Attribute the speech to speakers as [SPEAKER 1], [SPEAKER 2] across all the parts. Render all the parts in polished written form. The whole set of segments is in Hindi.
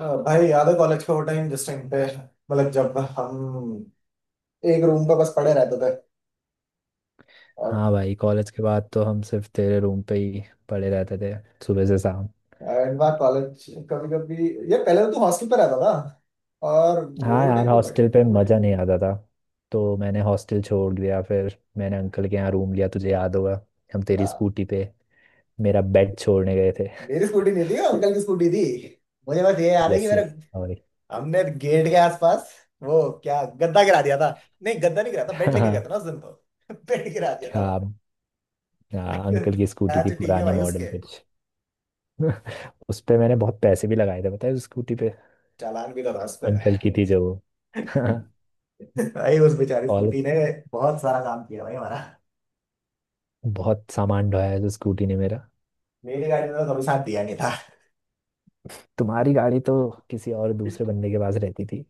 [SPEAKER 1] भाई याद है कॉलेज का वो टाइम जिस टाइम पे मतलब जब हम एक रूम पे बस पड़े रहते थे। और
[SPEAKER 2] हाँ भाई, कॉलेज के बाद तो हम सिर्फ तेरे रूम पे ही पड़े रहते थे। सुबह से शाम।
[SPEAKER 1] एंड बार कॉलेज कभी कभी ये पहले तो तू हॉस्टल पे रहता था और
[SPEAKER 2] हाँ
[SPEAKER 1] वो टाइम
[SPEAKER 2] यार,
[SPEAKER 1] भी बढ़िया
[SPEAKER 2] हॉस्टल पे मज़ा नहीं आता था। तो मैंने हॉस्टल छोड़ दिया, फिर मैंने अंकल के यहाँ रूम लिया। तुझे याद होगा, हम तेरी
[SPEAKER 1] था।
[SPEAKER 2] स्कूटी पे मेरा बेड छोड़ने गए थे।
[SPEAKER 1] मेरी स्कूटी नहीं थी, अंकल की स्कूटी थी। मुझे बस ये याद है कि
[SPEAKER 2] यस
[SPEAKER 1] मेरे,
[SPEAKER 2] यस, सॉरी।
[SPEAKER 1] हमने गेट के आसपास वो क्या गद्दा गिरा दिया था। नहीं, गद्दा नहीं गिरा था, बेड लेके गया
[SPEAKER 2] हाँ।
[SPEAKER 1] था ना उस दिन तो। बेड गिरा दिया था
[SPEAKER 2] क्या।
[SPEAKER 1] भाई।
[SPEAKER 2] हाँ, अंकल की स्कूटी थी,
[SPEAKER 1] अच्छा ठीक है
[SPEAKER 2] पुरानी
[SPEAKER 1] भाई, उसके
[SPEAKER 2] मॉडल कुछ। उस पे मैंने बहुत पैसे भी लगाए थे पता है, उस स्कूटी पे।
[SPEAKER 1] चालान भी तो था उस पे।
[SPEAKER 2] अंकल की थी जो वो।
[SPEAKER 1] भाई उस बेचारी
[SPEAKER 2] और
[SPEAKER 1] स्कूटी ने बहुत सारा काम किया भाई हमारा।
[SPEAKER 2] बहुत सामान ढोया है जो स्कूटी ने मेरा।
[SPEAKER 1] मेरी गाड़ी में तो कभी साथ दिया नहीं था।
[SPEAKER 2] तुम्हारी गाड़ी तो किसी और दूसरे बंदे के पास रहती थी।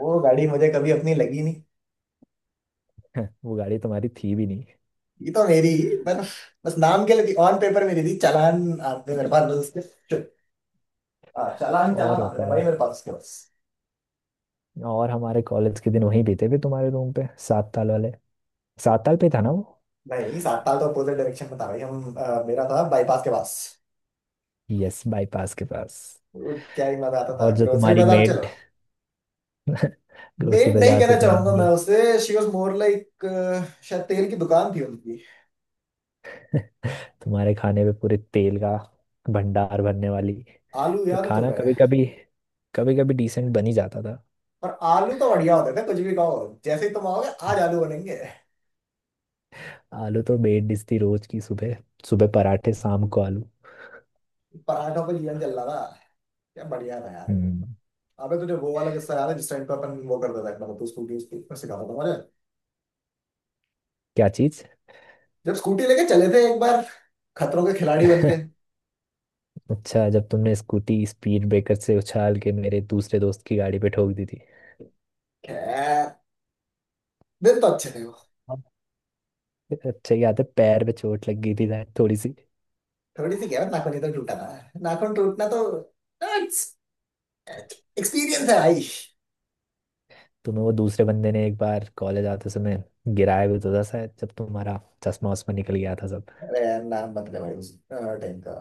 [SPEAKER 1] वो गाड़ी मुझे कभी अपनी लगी नहीं।
[SPEAKER 2] वो गाड़ी तुम्हारी थी भी नहीं।
[SPEAKER 1] ये तो मेरी ही, पर बस नाम के लिए ऑन पेपर मेरी थी। चालान आते मेरे पास बस उसके हाँ, चालान चालान
[SPEAKER 2] और
[SPEAKER 1] आते थे भाई
[SPEAKER 2] बताओ।
[SPEAKER 1] मेरे पास उसके बस।
[SPEAKER 2] और हमारे कॉलेज के दिन वहीं बीते थे तुम्हारे रूम पे, सात ताल वाले। सात ताल पे था ना वो?
[SPEAKER 1] नहीं, सात साल तो अपोजिट डायरेक्शन में था भाई। हम मेरा था बाईपास के पास।
[SPEAKER 2] यस, बाईपास के पास।
[SPEAKER 1] वो क्या ही मजा आता था,
[SPEAKER 2] और जो
[SPEAKER 1] ग्रोसरी
[SPEAKER 2] तुम्हारी
[SPEAKER 1] बाजार चलो।
[SPEAKER 2] मेड, ग्रोसरी
[SPEAKER 1] लेट नहीं
[SPEAKER 2] बाजार
[SPEAKER 1] कहना
[SPEAKER 2] से तुम्हारी
[SPEAKER 1] चाहूंगा मैं
[SPEAKER 2] मेड।
[SPEAKER 1] उसे। शी वॉज मोर लाइक, शायद तेल की दुकान थी उनकी।
[SPEAKER 2] तुम्हारे खाने पे पूरे तेल का भंडार भरने वाली।
[SPEAKER 1] आलू
[SPEAKER 2] पर
[SPEAKER 1] याद है
[SPEAKER 2] खाना
[SPEAKER 1] तुम्हें?
[SPEAKER 2] कभी कभी, कभी कभी डिसेंट बन ही जाता था।
[SPEAKER 1] पर आलू तो बढ़िया होते थे कुछ भी कहो। जैसे ही तुम आओगे आज आलू बनेंगे।
[SPEAKER 2] आलू तो बेड डिश थी रोज की। सुबह सुबह पराठे, शाम को आलू।
[SPEAKER 1] पराठों पे जीवन चल रहा था। क्या बढ़िया था यार वो।
[SPEAKER 2] हम्म।
[SPEAKER 1] अबे तुझे वो वाला किस्सा याद है जिस टाइम पे अपन वो करते थे, मतलब तू स्कूटी उसकी, मैं सिखाता था मुझे।
[SPEAKER 2] क्या चीज?
[SPEAKER 1] जब स्कूटी लेके चले थे एक बार, खतरों के खिलाड़ी बन के।
[SPEAKER 2] अच्छा, जब तुमने स्कूटी स्पीड ब्रेकर से उछाल के मेरे दूसरे दोस्त की गाड़ी पे ठोक दी थी।
[SPEAKER 1] खैर, दिन तो अच्छे थे वो।
[SPEAKER 2] हाँ। अच्छा, याद है पैर पे चोट लग गई थी शायद थोड़ी सी।
[SPEAKER 1] थोड़ी सी क्या है, नाखून ही तो टूटा था। नाखून टूटना तो एक्सपीरियंस है भाई।
[SPEAKER 2] तुम्हें वो दूसरे बंदे ने एक बार कॉलेज आते समय गिराया भी तो था शायद, जब तुम्हारा चश्मा वश्मा निकल गया था सब।
[SPEAKER 1] अरे यार नाम मत ले भाई उस टाइम का।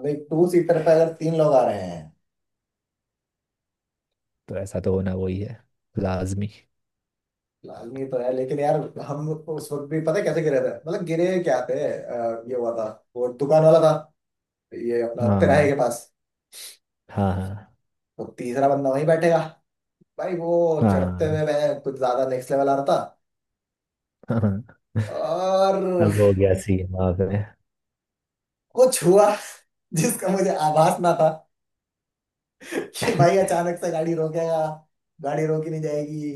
[SPEAKER 1] भाई टू सीटर पे अगर तीन लोग आ रहे हैं।
[SPEAKER 2] तो ऐसा तो होना वही है, लाजमी।
[SPEAKER 1] लाजमी तो है लेकिन यार, हम उस वक्त भी पता है कैसे गिरे थे, मतलब गिरे क्या थे, ये हुआ था। वो दुकान वाला था, ये अपना तिराहे
[SPEAKER 2] हाँ
[SPEAKER 1] के पास,
[SPEAKER 2] हाँ हाँ
[SPEAKER 1] तो तीसरा बंदा वहीं बैठेगा। भाई वो चढ़ते
[SPEAKER 2] हाँ।
[SPEAKER 1] हुए मैं कुछ ज्यादा नेक्स्ट लेवल आ रहा था।
[SPEAKER 2] हाँ।
[SPEAKER 1] और
[SPEAKER 2] अब हो गया सीन वहाँ पे।
[SPEAKER 1] कुछ हुआ जिसका मुझे आभास ना था कि भाई अचानक से गाड़ी रोकेगा। गाड़ी रोकी नहीं जाएगी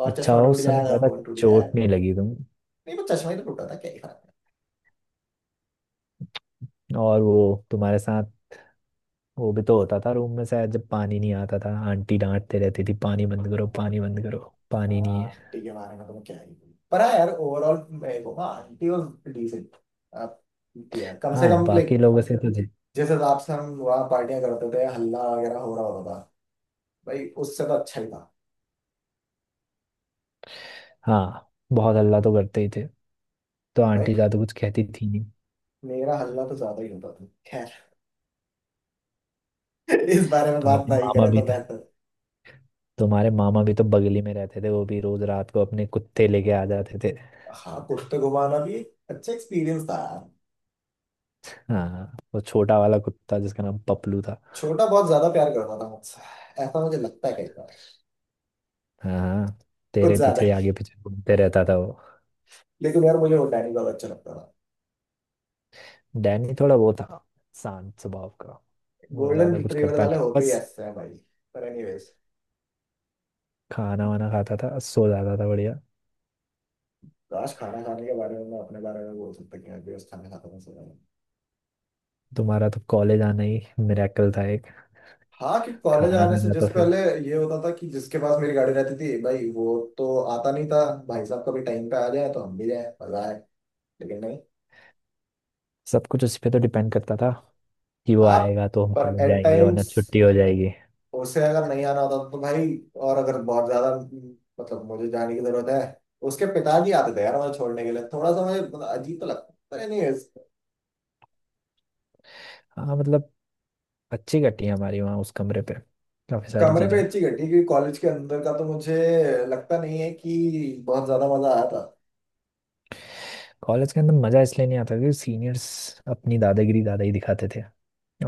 [SPEAKER 1] और
[SPEAKER 2] अच्छा
[SPEAKER 1] चश्मा
[SPEAKER 2] हो
[SPEAKER 1] टूट
[SPEAKER 2] उस समय
[SPEAKER 1] जाएगा,
[SPEAKER 2] ज्यादा
[SPEAKER 1] फोन टूट
[SPEAKER 2] चोट
[SPEAKER 1] जाएगा।
[SPEAKER 2] नहीं लगी तुम।
[SPEAKER 1] नहीं, वो चश्मा ही तो टूटा था, क्या ही फर्क
[SPEAKER 2] और वो तुम्हारे साथ, वो भी तो होता था रूम में शायद, जब पानी नहीं आता था आंटी डांटते रहती थी, पानी बंद करो पानी बंद करो, पानी
[SPEAKER 1] पड़ेगा?
[SPEAKER 2] नहीं है।
[SPEAKER 1] हाँ ठीक है, मारेगा तो मैं क्या ही बोलूं। पर हाँ यार ओवरऑल मेरे को, हाँ, आंटी वॉज डिसेंट। आप दिया कम से
[SPEAKER 2] हाँ,
[SPEAKER 1] कम,
[SPEAKER 2] बाकी
[SPEAKER 1] लाइक,
[SPEAKER 2] लोगों से तो जी।
[SPEAKER 1] जिस हिसाब से हम वहाँ पार्टियां करते थे, हल्ला वगैरह हो रहा होता था, भाई उससे तो अच्छा ही था।
[SPEAKER 2] हाँ, बहुत हल्ला तो करते ही थे। तो
[SPEAKER 1] भाई
[SPEAKER 2] आंटी ज्यादा कुछ कहती थी नहीं।
[SPEAKER 1] मेरा हल्ला तो ज्यादा ही होता था, खैर। इस बारे में बात
[SPEAKER 2] तुम्हारे
[SPEAKER 1] नहीं
[SPEAKER 2] मामा
[SPEAKER 1] करें
[SPEAKER 2] भी
[SPEAKER 1] तो बेहतर।
[SPEAKER 2] तुम्हारे मामा भी तो बगली में रहते थे, वो भी रोज रात को अपने कुत्ते लेके आ जाते थे।
[SPEAKER 1] हाँ, कुत्ते घुमाना भी एक अच्छा एक्सपीरियंस था यार।
[SPEAKER 2] हाँ, वो छोटा वाला कुत्ता जिसका नाम पपलू था।
[SPEAKER 1] छोटा बहुत ज्यादा प्यार करता था मुझसे, ऐसा मुझे लगता है कई बार।
[SPEAKER 2] हाँ,
[SPEAKER 1] कुछ
[SPEAKER 2] तेरे
[SPEAKER 1] ज्यादा
[SPEAKER 2] पीछे ही
[SPEAKER 1] ही।
[SPEAKER 2] आगे पीछे घूमते रहता था वो।
[SPEAKER 1] लेकिन यार मुझे वो डैनी बहुत अच्छा लगता था।
[SPEAKER 2] डैनी थोड़ा वो था, शांत स्वभाव का। वो
[SPEAKER 1] गोल्डन
[SPEAKER 2] ज्यादा कुछ
[SPEAKER 1] रिट्रीवर
[SPEAKER 2] करता
[SPEAKER 1] वाले
[SPEAKER 2] नहीं था
[SPEAKER 1] होते ही
[SPEAKER 2] बस।
[SPEAKER 1] ऐसे हैं भाई। पर एनीवेज,
[SPEAKER 2] खाना वाना खाता था, सो जाता था, बढ़िया।
[SPEAKER 1] आज खाना खाने के बारे में मैं अपने बारे में बोल सकता कि मैं भी उस खाना खाता हूँ सुना है।
[SPEAKER 2] तुम्हारा तो कॉलेज आना ही मिरेकल था एक।
[SPEAKER 1] हाँ, कि कॉलेज
[SPEAKER 2] खाना
[SPEAKER 1] आने से
[SPEAKER 2] खाना
[SPEAKER 1] जिस
[SPEAKER 2] तो फिर।
[SPEAKER 1] पहले ये होता था कि जिसके पास मेरी गाड़ी रहती थी, भाई वो तो आता नहीं था। भाई साहब कभी टाइम पे आ जाए तो हम भी जाए, मजा आए, लेकिन नहीं।
[SPEAKER 2] सब कुछ उस पे तो डिपेंड करता था, कि वो
[SPEAKER 1] आप,
[SPEAKER 2] आएगा तो हम
[SPEAKER 1] पर
[SPEAKER 2] कॉलेज
[SPEAKER 1] एट
[SPEAKER 2] जाएंगे, वरना
[SPEAKER 1] टाइम्स
[SPEAKER 2] छुट्टी हो जाएगी।
[SPEAKER 1] उससे अगर नहीं आना होता तो भाई, और अगर बहुत ज्यादा, मतलब मुझे जाने की जरूरत है। उसके पिताजी आते थे यार मुझे छोड़ने के लिए, थोड़ा सा मुझे मतलब अजीब तो लगता, पता नहीं इस
[SPEAKER 2] हाँ मतलब, अच्छी कटी है हमारी वहाँ उस कमरे पे, काफ़ी सारी
[SPEAKER 1] कमरे पे
[SPEAKER 2] चीज़ें।
[SPEAKER 1] अच्छी घटी। क्योंकि कॉलेज के अंदर का तो मुझे लगता नहीं है कि बहुत ज्यादा मजा आया था।
[SPEAKER 2] कॉलेज के अंदर मज़ा इसलिए नहीं आता क्योंकि सीनियर्स अपनी दादागिरी दादा ही दिखाते थे।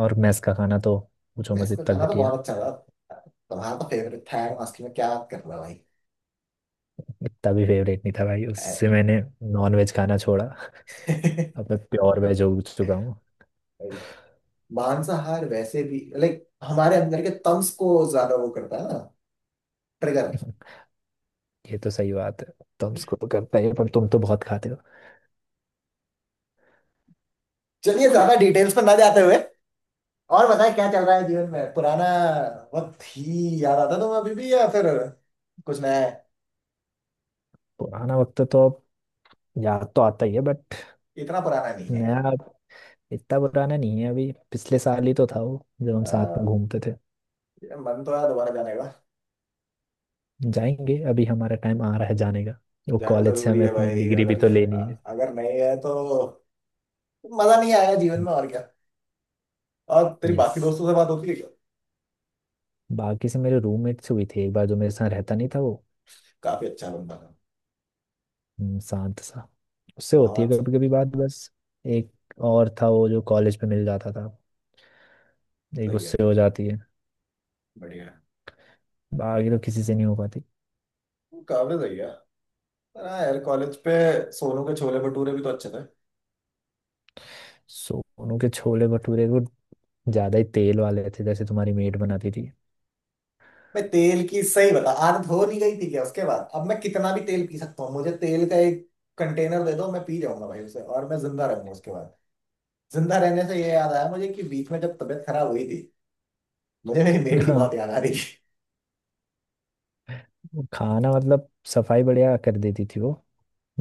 [SPEAKER 2] और मेस का खाना तो, पूछो
[SPEAKER 1] मेस
[SPEAKER 2] मत,
[SPEAKER 1] का
[SPEAKER 2] इतना
[SPEAKER 1] खाना तो
[SPEAKER 2] घटिया।
[SPEAKER 1] बहुत अच्छा था, तुम्हारा तो फेवरेट था यार, मस्ती में क्या बात कर रहा है भाई।
[SPEAKER 2] इतना भी फेवरेट नहीं था भाई, उससे मैंने नॉन वेज खाना छोड़ा। अब मैं प्योर वेज हो चुका हूँ।
[SPEAKER 1] भाई, मांसाहार वैसे भी, लाइक, हमारे अंदर के तम्स को ज्यादा वो करता है ना, ट्रिगर।
[SPEAKER 2] ये तो सही बात है। तुम स्कूल करते ही हो, पर तुम तो बहुत खाते हो।
[SPEAKER 1] चलिए ज्यादा डिटेल्स पर ना जाते हुए, और बताए क्या चल रहा है जीवन में? पुराना वक्त ही याद आता तुम्हें अभी भी या फिर कुछ नया है?
[SPEAKER 2] पुराना वक्त तो अब, याद तो आता ही है बट,
[SPEAKER 1] इतना पुराना नहीं है
[SPEAKER 2] नया
[SPEAKER 1] यार।
[SPEAKER 2] अब। इतना पुराना नहीं है, अभी पिछले साल ही तो था वो, जब हम
[SPEAKER 1] अ,
[SPEAKER 2] साथ में घूमते थे।
[SPEAKER 1] ये मन तो है दोबारा जाने का।
[SPEAKER 2] जाएंगे, अभी हमारा टाइम आ रहा है जाने का। वो
[SPEAKER 1] जाना
[SPEAKER 2] कॉलेज से
[SPEAKER 1] जरूरी
[SPEAKER 2] हमें
[SPEAKER 1] है
[SPEAKER 2] अपनी
[SPEAKER 1] भाई,
[SPEAKER 2] डिग्री भी
[SPEAKER 1] अगर
[SPEAKER 2] तो
[SPEAKER 1] अ,
[SPEAKER 2] लेनी है।
[SPEAKER 1] अगर नहीं है तो मजा नहीं आएगा जीवन में और क्या। और तेरी
[SPEAKER 2] यस,
[SPEAKER 1] बाकी दोस्तों से बात होती है क्या?
[SPEAKER 2] बाकी से मेरे रूममेट से हुई थी एक बार, जो मेरे साथ रहता नहीं था वो।
[SPEAKER 1] काफी अच्छा बंदा था।
[SPEAKER 2] शांत सा। उससे होती है
[SPEAKER 1] बहुत।
[SPEAKER 2] कभी कभी बात बस। एक और था वो जो कॉलेज में मिल जाता था, एक
[SPEAKER 1] सही है,
[SPEAKER 2] उससे हो जाती है।
[SPEAKER 1] बढ़िया है।
[SPEAKER 2] बाकी तो किसी से नहीं हो पाती।
[SPEAKER 1] काफी सही है। पर हाँ यार, कॉलेज पे सोनू के छोले भटूरे भी तो अच्छे थे।
[SPEAKER 2] सोनू के छोले भटूरे वो ज्यादा ही तेल वाले थे, जैसे तुम्हारी मेट बनाती थी।
[SPEAKER 1] मैं तेल की सही बता, आदत हो नहीं गई थी क्या उसके बाद? अब मैं कितना भी तेल पी सकता हूँ, मुझे तेल का एक कंटेनर दे दो, मैं पी जाऊंगा भाई उसे और मैं जिंदा रहूंगा उसके बाद। जिंदा रहने से ये याद आया मुझे कि बीच में जब तबीयत खराब हुई थी, मुझे मेरी मेड की बहुत
[SPEAKER 2] हाँ
[SPEAKER 1] याद आ रही थी।
[SPEAKER 2] वो खाना मतलब, सफाई बढ़िया कर देती थी वो।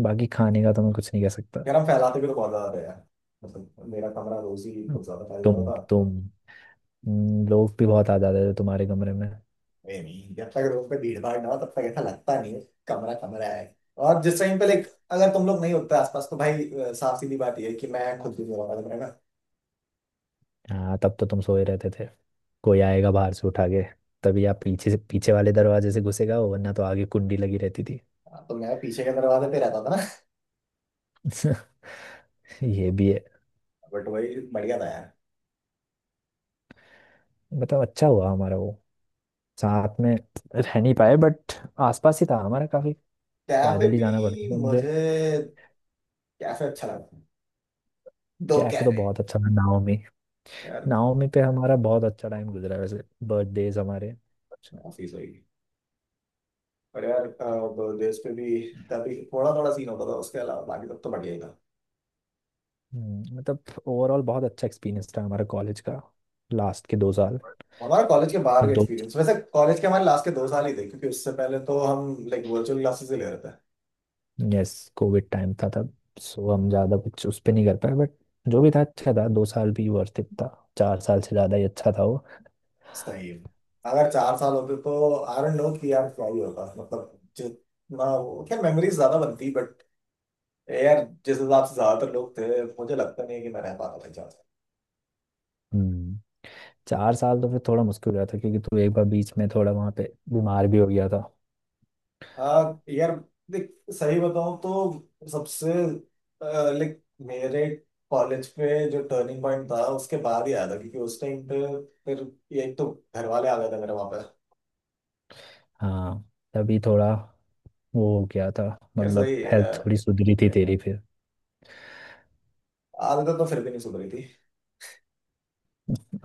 [SPEAKER 2] बाकी खाने का तो मैं कुछ नहीं कह सकता।
[SPEAKER 1] यार हम फैलाते भी तो बहुत ज्यादा थे यार, मतलब मेरा कमरा रोज ही
[SPEAKER 2] हम्म,
[SPEAKER 1] कुछ ज्यादा फैल जाता था।
[SPEAKER 2] तुम लोग भी बहुत आ जाते थे तुम्हारे कमरे में।
[SPEAKER 1] ए नहीं, जब तक रूम पे भीड़ भाड़ ना हो तब तक ऐसा लगता नहीं है कमरा कमरा है। और जिस टाइम पे, लाइक, अगर तुम लोग नहीं होते आसपास तो भाई, साफ सीधी बात ये है कि मैं खुद भी मेरा कमरा,
[SPEAKER 2] हाँ, तब तो तुम सोए रहते थे। कोई आएगा बाहर से उठा के, तभी आप पीछे से पीछे वाले दरवाजे से घुसेगा, वरना तो आगे कुंडी लगी रहती थी।
[SPEAKER 1] ना तो मैं पीछे के दरवाजे पे रहता था ना।
[SPEAKER 2] ये भी है।
[SPEAKER 1] बट वही बढ़िया था यार।
[SPEAKER 2] मतलब अच्छा हुआ हमारा वो, साथ में रह नहीं पाए बट आसपास ही था हमारा, काफी।
[SPEAKER 1] कैफे
[SPEAKER 2] पैदल ही जाना पड़ता
[SPEAKER 1] भी
[SPEAKER 2] था मुझे।
[SPEAKER 1] मुझे, कैफे अच्छा लगा, दो
[SPEAKER 2] कैफे तो
[SPEAKER 1] कैफे।
[SPEAKER 2] बहुत अच्छा था, नाओमी।
[SPEAKER 1] यार
[SPEAKER 2] नाओमी पे हमारा बहुत अच्छा टाइम गुजरा है वैसे, बर्थडेज हमारे।
[SPEAKER 1] ऑफिस वही। पर यार अब देश पे भी तभी थोड़ा थोड़ा सीन होता था, उसके अलावा बाकी सब तो बढ़िया ही था।
[SPEAKER 2] मतलब ओवरऑल बहुत अच्छा एक्सपीरियंस था हमारा कॉलेज का, लास्ट के दो साल।
[SPEAKER 1] हमारा कॉलेज के बाहर का
[SPEAKER 2] दो
[SPEAKER 1] एक्सपीरियंस वैसे कॉलेज के हमारे लास्ट के दो साल ही थे, क्योंकि उससे पहले तो हम, लाइक, वर्चुअल क्लासेस ही ले रहे थे।
[SPEAKER 2] यस, कोविड टाइम था तब, सो हम ज़्यादा कुछ उस पर नहीं कर पाए बट, जो भी था अच्छा था। दो साल भी वर्थ इट था, चार साल से ज़्यादा ही अच्छा था वो।
[SPEAKER 1] सही है। अगर चार साल होते तो आई डोंट नो कि यार क्या ही होता, मतलब जितना वो क्या मेमोरीज ज्यादा बनती, बट यार जिस हिसाब से ज्यादातर लोग थे, मुझे लगता नहीं है कि मैं रह पाता था चार।
[SPEAKER 2] हम्म। चार साल तो फिर थोड़ा मुश्किल हो गया था, क्योंकि तू एक बार बीच में थोड़ा वहाँ पे बीमार भी हो गया था।
[SPEAKER 1] आ, यार देख, सही बताऊं तो सबसे, लाइक, मेरे कॉलेज पे जो टर्निंग पॉइंट था उसके बाद ही आया था, क्योंकि उस टाइम पे फिर ये एक तो घर वाले आ गए थे मेरे वहां पे।
[SPEAKER 2] हाँ, तभी थोड़ा वो क्या था,
[SPEAKER 1] खैर
[SPEAKER 2] मतलब
[SPEAKER 1] सही है,
[SPEAKER 2] हेल्थ थोड़ी सुधरी थी तेरी फिर।
[SPEAKER 1] आदतें तो फिर भी नहीं सुधरी थी।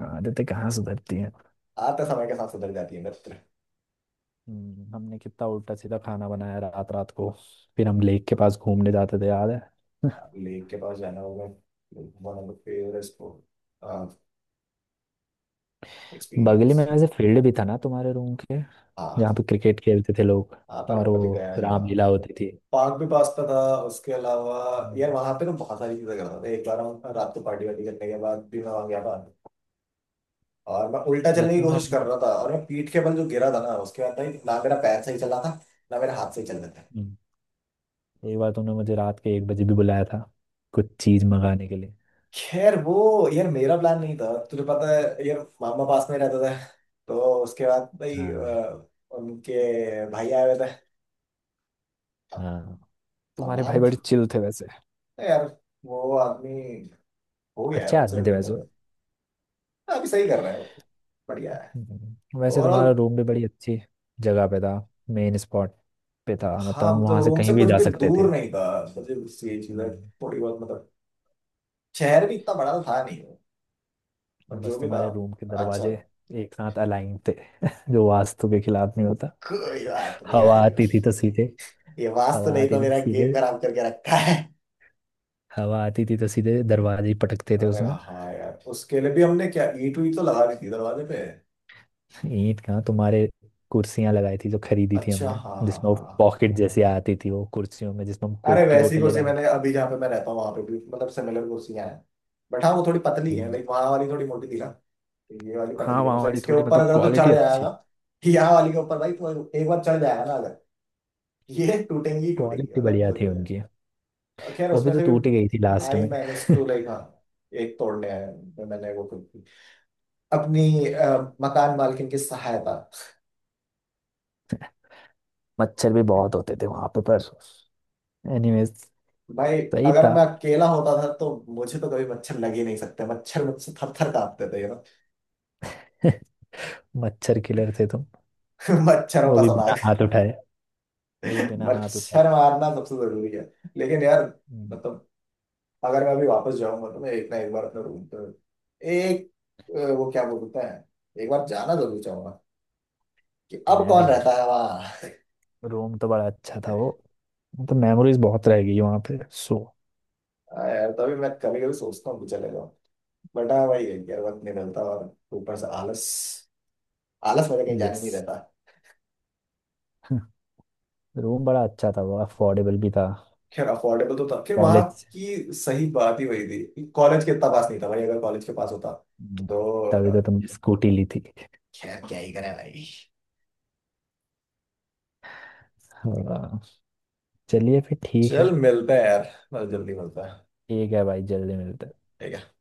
[SPEAKER 2] आदतें कहाँ सुधरती हैं।
[SPEAKER 1] आते समय के साथ सुधर जाती है मित्र।
[SPEAKER 2] हमने कितना उल्टा सीधा खाना बनाया रात रात को। फिर हम लेक के पास घूमने जाते थे याद है।
[SPEAKER 1] लेक के पास जाना होगा, वन ऑफ द फेवरेट
[SPEAKER 2] बगल
[SPEAKER 1] एक्सपीरियंस।
[SPEAKER 2] में वैसे फील्ड भी था ना तुम्हारे रूम के,
[SPEAKER 1] हाँ।
[SPEAKER 2] जहाँ पे क्रिकेट खेलते थे लोग।
[SPEAKER 1] हाँ, पर
[SPEAKER 2] और
[SPEAKER 1] मैं कभी
[SPEAKER 2] वो
[SPEAKER 1] गया नहीं वहाँ।
[SPEAKER 2] रामलीला होती थी।
[SPEAKER 1] पार्क भी पास का था उसके अलावा। यार
[SPEAKER 2] हम्म,
[SPEAKER 1] वहां पे ना बहुत सारी चीजें कर रहा था। एक बार हम रात को पार्टी वार्टी करने के बाद भी मैं वहां गया था, और मैं उल्टा चलने की
[SPEAKER 2] मतलब
[SPEAKER 1] कोशिश कर
[SPEAKER 2] हम
[SPEAKER 1] रहा था और मैं पीठ के बल जो गिरा था ना, उसके बाद भाई ना मेरा पैर सही चल रहा था ना मेरा हाथ सही चल रहा था।
[SPEAKER 2] हम्म, एक बार तुमने मुझे रात के 1 बजे भी बुलाया था, कुछ चीज मंगाने के लिए।
[SPEAKER 1] खैर, वो यार मेरा प्लान नहीं था, तुझे पता है यार, मामा पास में रहता था। तो उसके बाद भाई,
[SPEAKER 2] हाँ।
[SPEAKER 1] उनके भाई आए हुए थे। अब
[SPEAKER 2] हाँ, तुम्हारे भाई
[SPEAKER 1] सामान
[SPEAKER 2] बड़े
[SPEAKER 1] था
[SPEAKER 2] चिल थे वैसे।
[SPEAKER 1] तो यार, वो आदमी हो गया है,
[SPEAKER 2] अच्छे
[SPEAKER 1] उनसे
[SPEAKER 2] आदमी
[SPEAKER 1] भी
[SPEAKER 2] थे वैसे।
[SPEAKER 1] मिले। अभी सही कर रहा है वो, बढ़िया है।
[SPEAKER 2] हम्म। वैसे
[SPEAKER 1] ओवरऑल,
[SPEAKER 2] तुम्हारा रूम भी बड़ी अच्छी जगह पे था, मेन स्पॉट पे था, मतलब
[SPEAKER 1] हाँ,
[SPEAKER 2] हम
[SPEAKER 1] मतलब
[SPEAKER 2] वहां से
[SPEAKER 1] रोम
[SPEAKER 2] कहीं
[SPEAKER 1] से
[SPEAKER 2] भी
[SPEAKER 1] कुछ
[SPEAKER 2] जा
[SPEAKER 1] भी
[SPEAKER 2] सकते थे।
[SPEAKER 1] दूर नहीं था, मुझे उससे ये चीज है
[SPEAKER 2] हम्म।
[SPEAKER 1] थोड़ी बहुत, मतलब शहर भी इतना बड़ा तो था नहीं वो, पर जो
[SPEAKER 2] बस
[SPEAKER 1] भी था
[SPEAKER 2] तुम्हारे रूम के
[SPEAKER 1] अच्छा
[SPEAKER 2] दरवाजे
[SPEAKER 1] था।
[SPEAKER 2] एक साथ अलाइन थे, जो वास्तु के खिलाफ नहीं होता।
[SPEAKER 1] कोई बात नहीं
[SPEAKER 2] हवा
[SPEAKER 1] भाई।
[SPEAKER 2] आती थी तो सीधे
[SPEAKER 1] ये वास्तव
[SPEAKER 2] हवा
[SPEAKER 1] नहीं
[SPEAKER 2] आती
[SPEAKER 1] तो
[SPEAKER 2] थी तो
[SPEAKER 1] मेरा गेम
[SPEAKER 2] सीधे
[SPEAKER 1] खराब करके रखा है।
[SPEAKER 2] हवा आती थी तो सीधे दरवाजे ही पटकते थे
[SPEAKER 1] अरे
[SPEAKER 2] उसमें।
[SPEAKER 1] हाँ यार, उसके लिए भी हमने क्या ईंट वीट तो लगा दी थी दरवाजे पे।
[SPEAKER 2] ईंट कहाँ तुम्हारे, कुर्सियां लगाई थी जो खरीदी थी
[SPEAKER 1] अच्छा,
[SPEAKER 2] हमने।
[SPEAKER 1] हाँ हाँ
[SPEAKER 2] जिसमें वो
[SPEAKER 1] हाँ हाँ।
[SPEAKER 2] पॉकेट जैसी आती थी वो कुर्सियों में, जिसमें हम
[SPEAKER 1] अरे
[SPEAKER 2] कोक की
[SPEAKER 1] वैसी
[SPEAKER 2] बोतलें
[SPEAKER 1] कुर्सी
[SPEAKER 2] डाल।
[SPEAKER 1] मैंने अभी जहाँ पे मैं रहता हूँ वहां पे भी, मतलब सिमिलर कुर्सियां हैं, बट हाँ वो थोड़ी पतली है,
[SPEAKER 2] हम्म।
[SPEAKER 1] लाइक वहां वाली थोड़ी मोटी थी ना। ये वाली
[SPEAKER 2] हाँ,
[SPEAKER 1] पतली है,
[SPEAKER 2] वहाँ
[SPEAKER 1] मतलब
[SPEAKER 2] वाली
[SPEAKER 1] इसके
[SPEAKER 2] थोड़ी
[SPEAKER 1] ऊपर
[SPEAKER 2] मतलब
[SPEAKER 1] अगर तो
[SPEAKER 2] क्वालिटी
[SPEAKER 1] चढ़
[SPEAKER 2] अच्छी।
[SPEAKER 1] जाएगा, यहाँ वाली के ऊपर भाई तो एक बार चढ़ जाएगा ना, अगर ये टूटेंगी ही टूटेंगी
[SPEAKER 2] क्वालिटी
[SPEAKER 1] मतलब
[SPEAKER 2] बढ़िया
[SPEAKER 1] तो।
[SPEAKER 2] थी उनकी।
[SPEAKER 1] और खैर
[SPEAKER 2] वो भी
[SPEAKER 1] उसमें
[SPEAKER 2] तो
[SPEAKER 1] से
[SPEAKER 2] टूट
[SPEAKER 1] भी
[SPEAKER 2] ही गई थी लास्ट
[SPEAKER 1] आई
[SPEAKER 2] में।
[SPEAKER 1] मैनेज टू, लाइक, हाँ, एक तोड़ने हैं मैंने वो खुद की, अपनी मकान मालकिन की सहायता।
[SPEAKER 2] मच्छर भी बहुत होते थे वहां पे। पर एनीवेज,
[SPEAKER 1] भाई
[SPEAKER 2] सही
[SPEAKER 1] अगर
[SPEAKER 2] था।
[SPEAKER 1] मैं अकेला होता था तो मुझे तो कभी मच्छर लग ही नहीं सकते, मच्छर मुझसे थर थर कांपते थे ना।
[SPEAKER 2] मच्छर किलर थे तुम।
[SPEAKER 1] मच्छरों
[SPEAKER 2] वो
[SPEAKER 1] का
[SPEAKER 2] भी बिना
[SPEAKER 1] सनाग।
[SPEAKER 2] हाथ उठाए, वो भी बिना हाथ उठाए।
[SPEAKER 1] मच्छर मारना सबसे जरूरी है। लेकिन यार,
[SPEAKER 2] हम्म,
[SPEAKER 1] मतलब अगर मैं अभी वापस जाऊंगा तो मैं एक ना एक बार अपने रूम पे एक, वो क्या बोलते हैं, एक बार जाना जरूर चाहूंगा कि अब
[SPEAKER 2] मैं
[SPEAKER 1] कौन
[SPEAKER 2] भी
[SPEAKER 1] रहता
[SPEAKER 2] भाई।
[SPEAKER 1] है वहां।
[SPEAKER 2] रूम तो बड़ा अच्छा था वो, तो मेमोरीज बहुत रह गई वहां पे, सो।
[SPEAKER 1] हाँ यार, तभी मैं कभी कभी सोचता हूँ कि चले जाओ, बट हाँ भाई है कि यार वक्त नहीं मिलता, और ऊपर से आलस। आलस मुझे कहीं जाने
[SPEAKER 2] यस,
[SPEAKER 1] नहीं देता।
[SPEAKER 2] रूम बड़ा अच्छा था वो, अफोर्डेबल भी था।
[SPEAKER 1] खैर अफोर्डेबल तो था, खैर वहाँ
[SPEAKER 2] कॉलेज से।
[SPEAKER 1] की सही बात ही वही थी कि कॉलेज के इतना पास नहीं था भाई, अगर कॉलेज के पास होता
[SPEAKER 2] हम्म,
[SPEAKER 1] तो,
[SPEAKER 2] तभी तो
[SPEAKER 1] अ,
[SPEAKER 2] तुमने स्कूटी ली थी।
[SPEAKER 1] खैर क्या ही करें भाई।
[SPEAKER 2] हाँ, चलिए फिर ठीक है।
[SPEAKER 1] चल मिलते हैं यार, बस जल्दी मिलते हैं।
[SPEAKER 2] ठीक है भाई, जल्दी मिलते हैं।
[SPEAKER 1] ठीक है।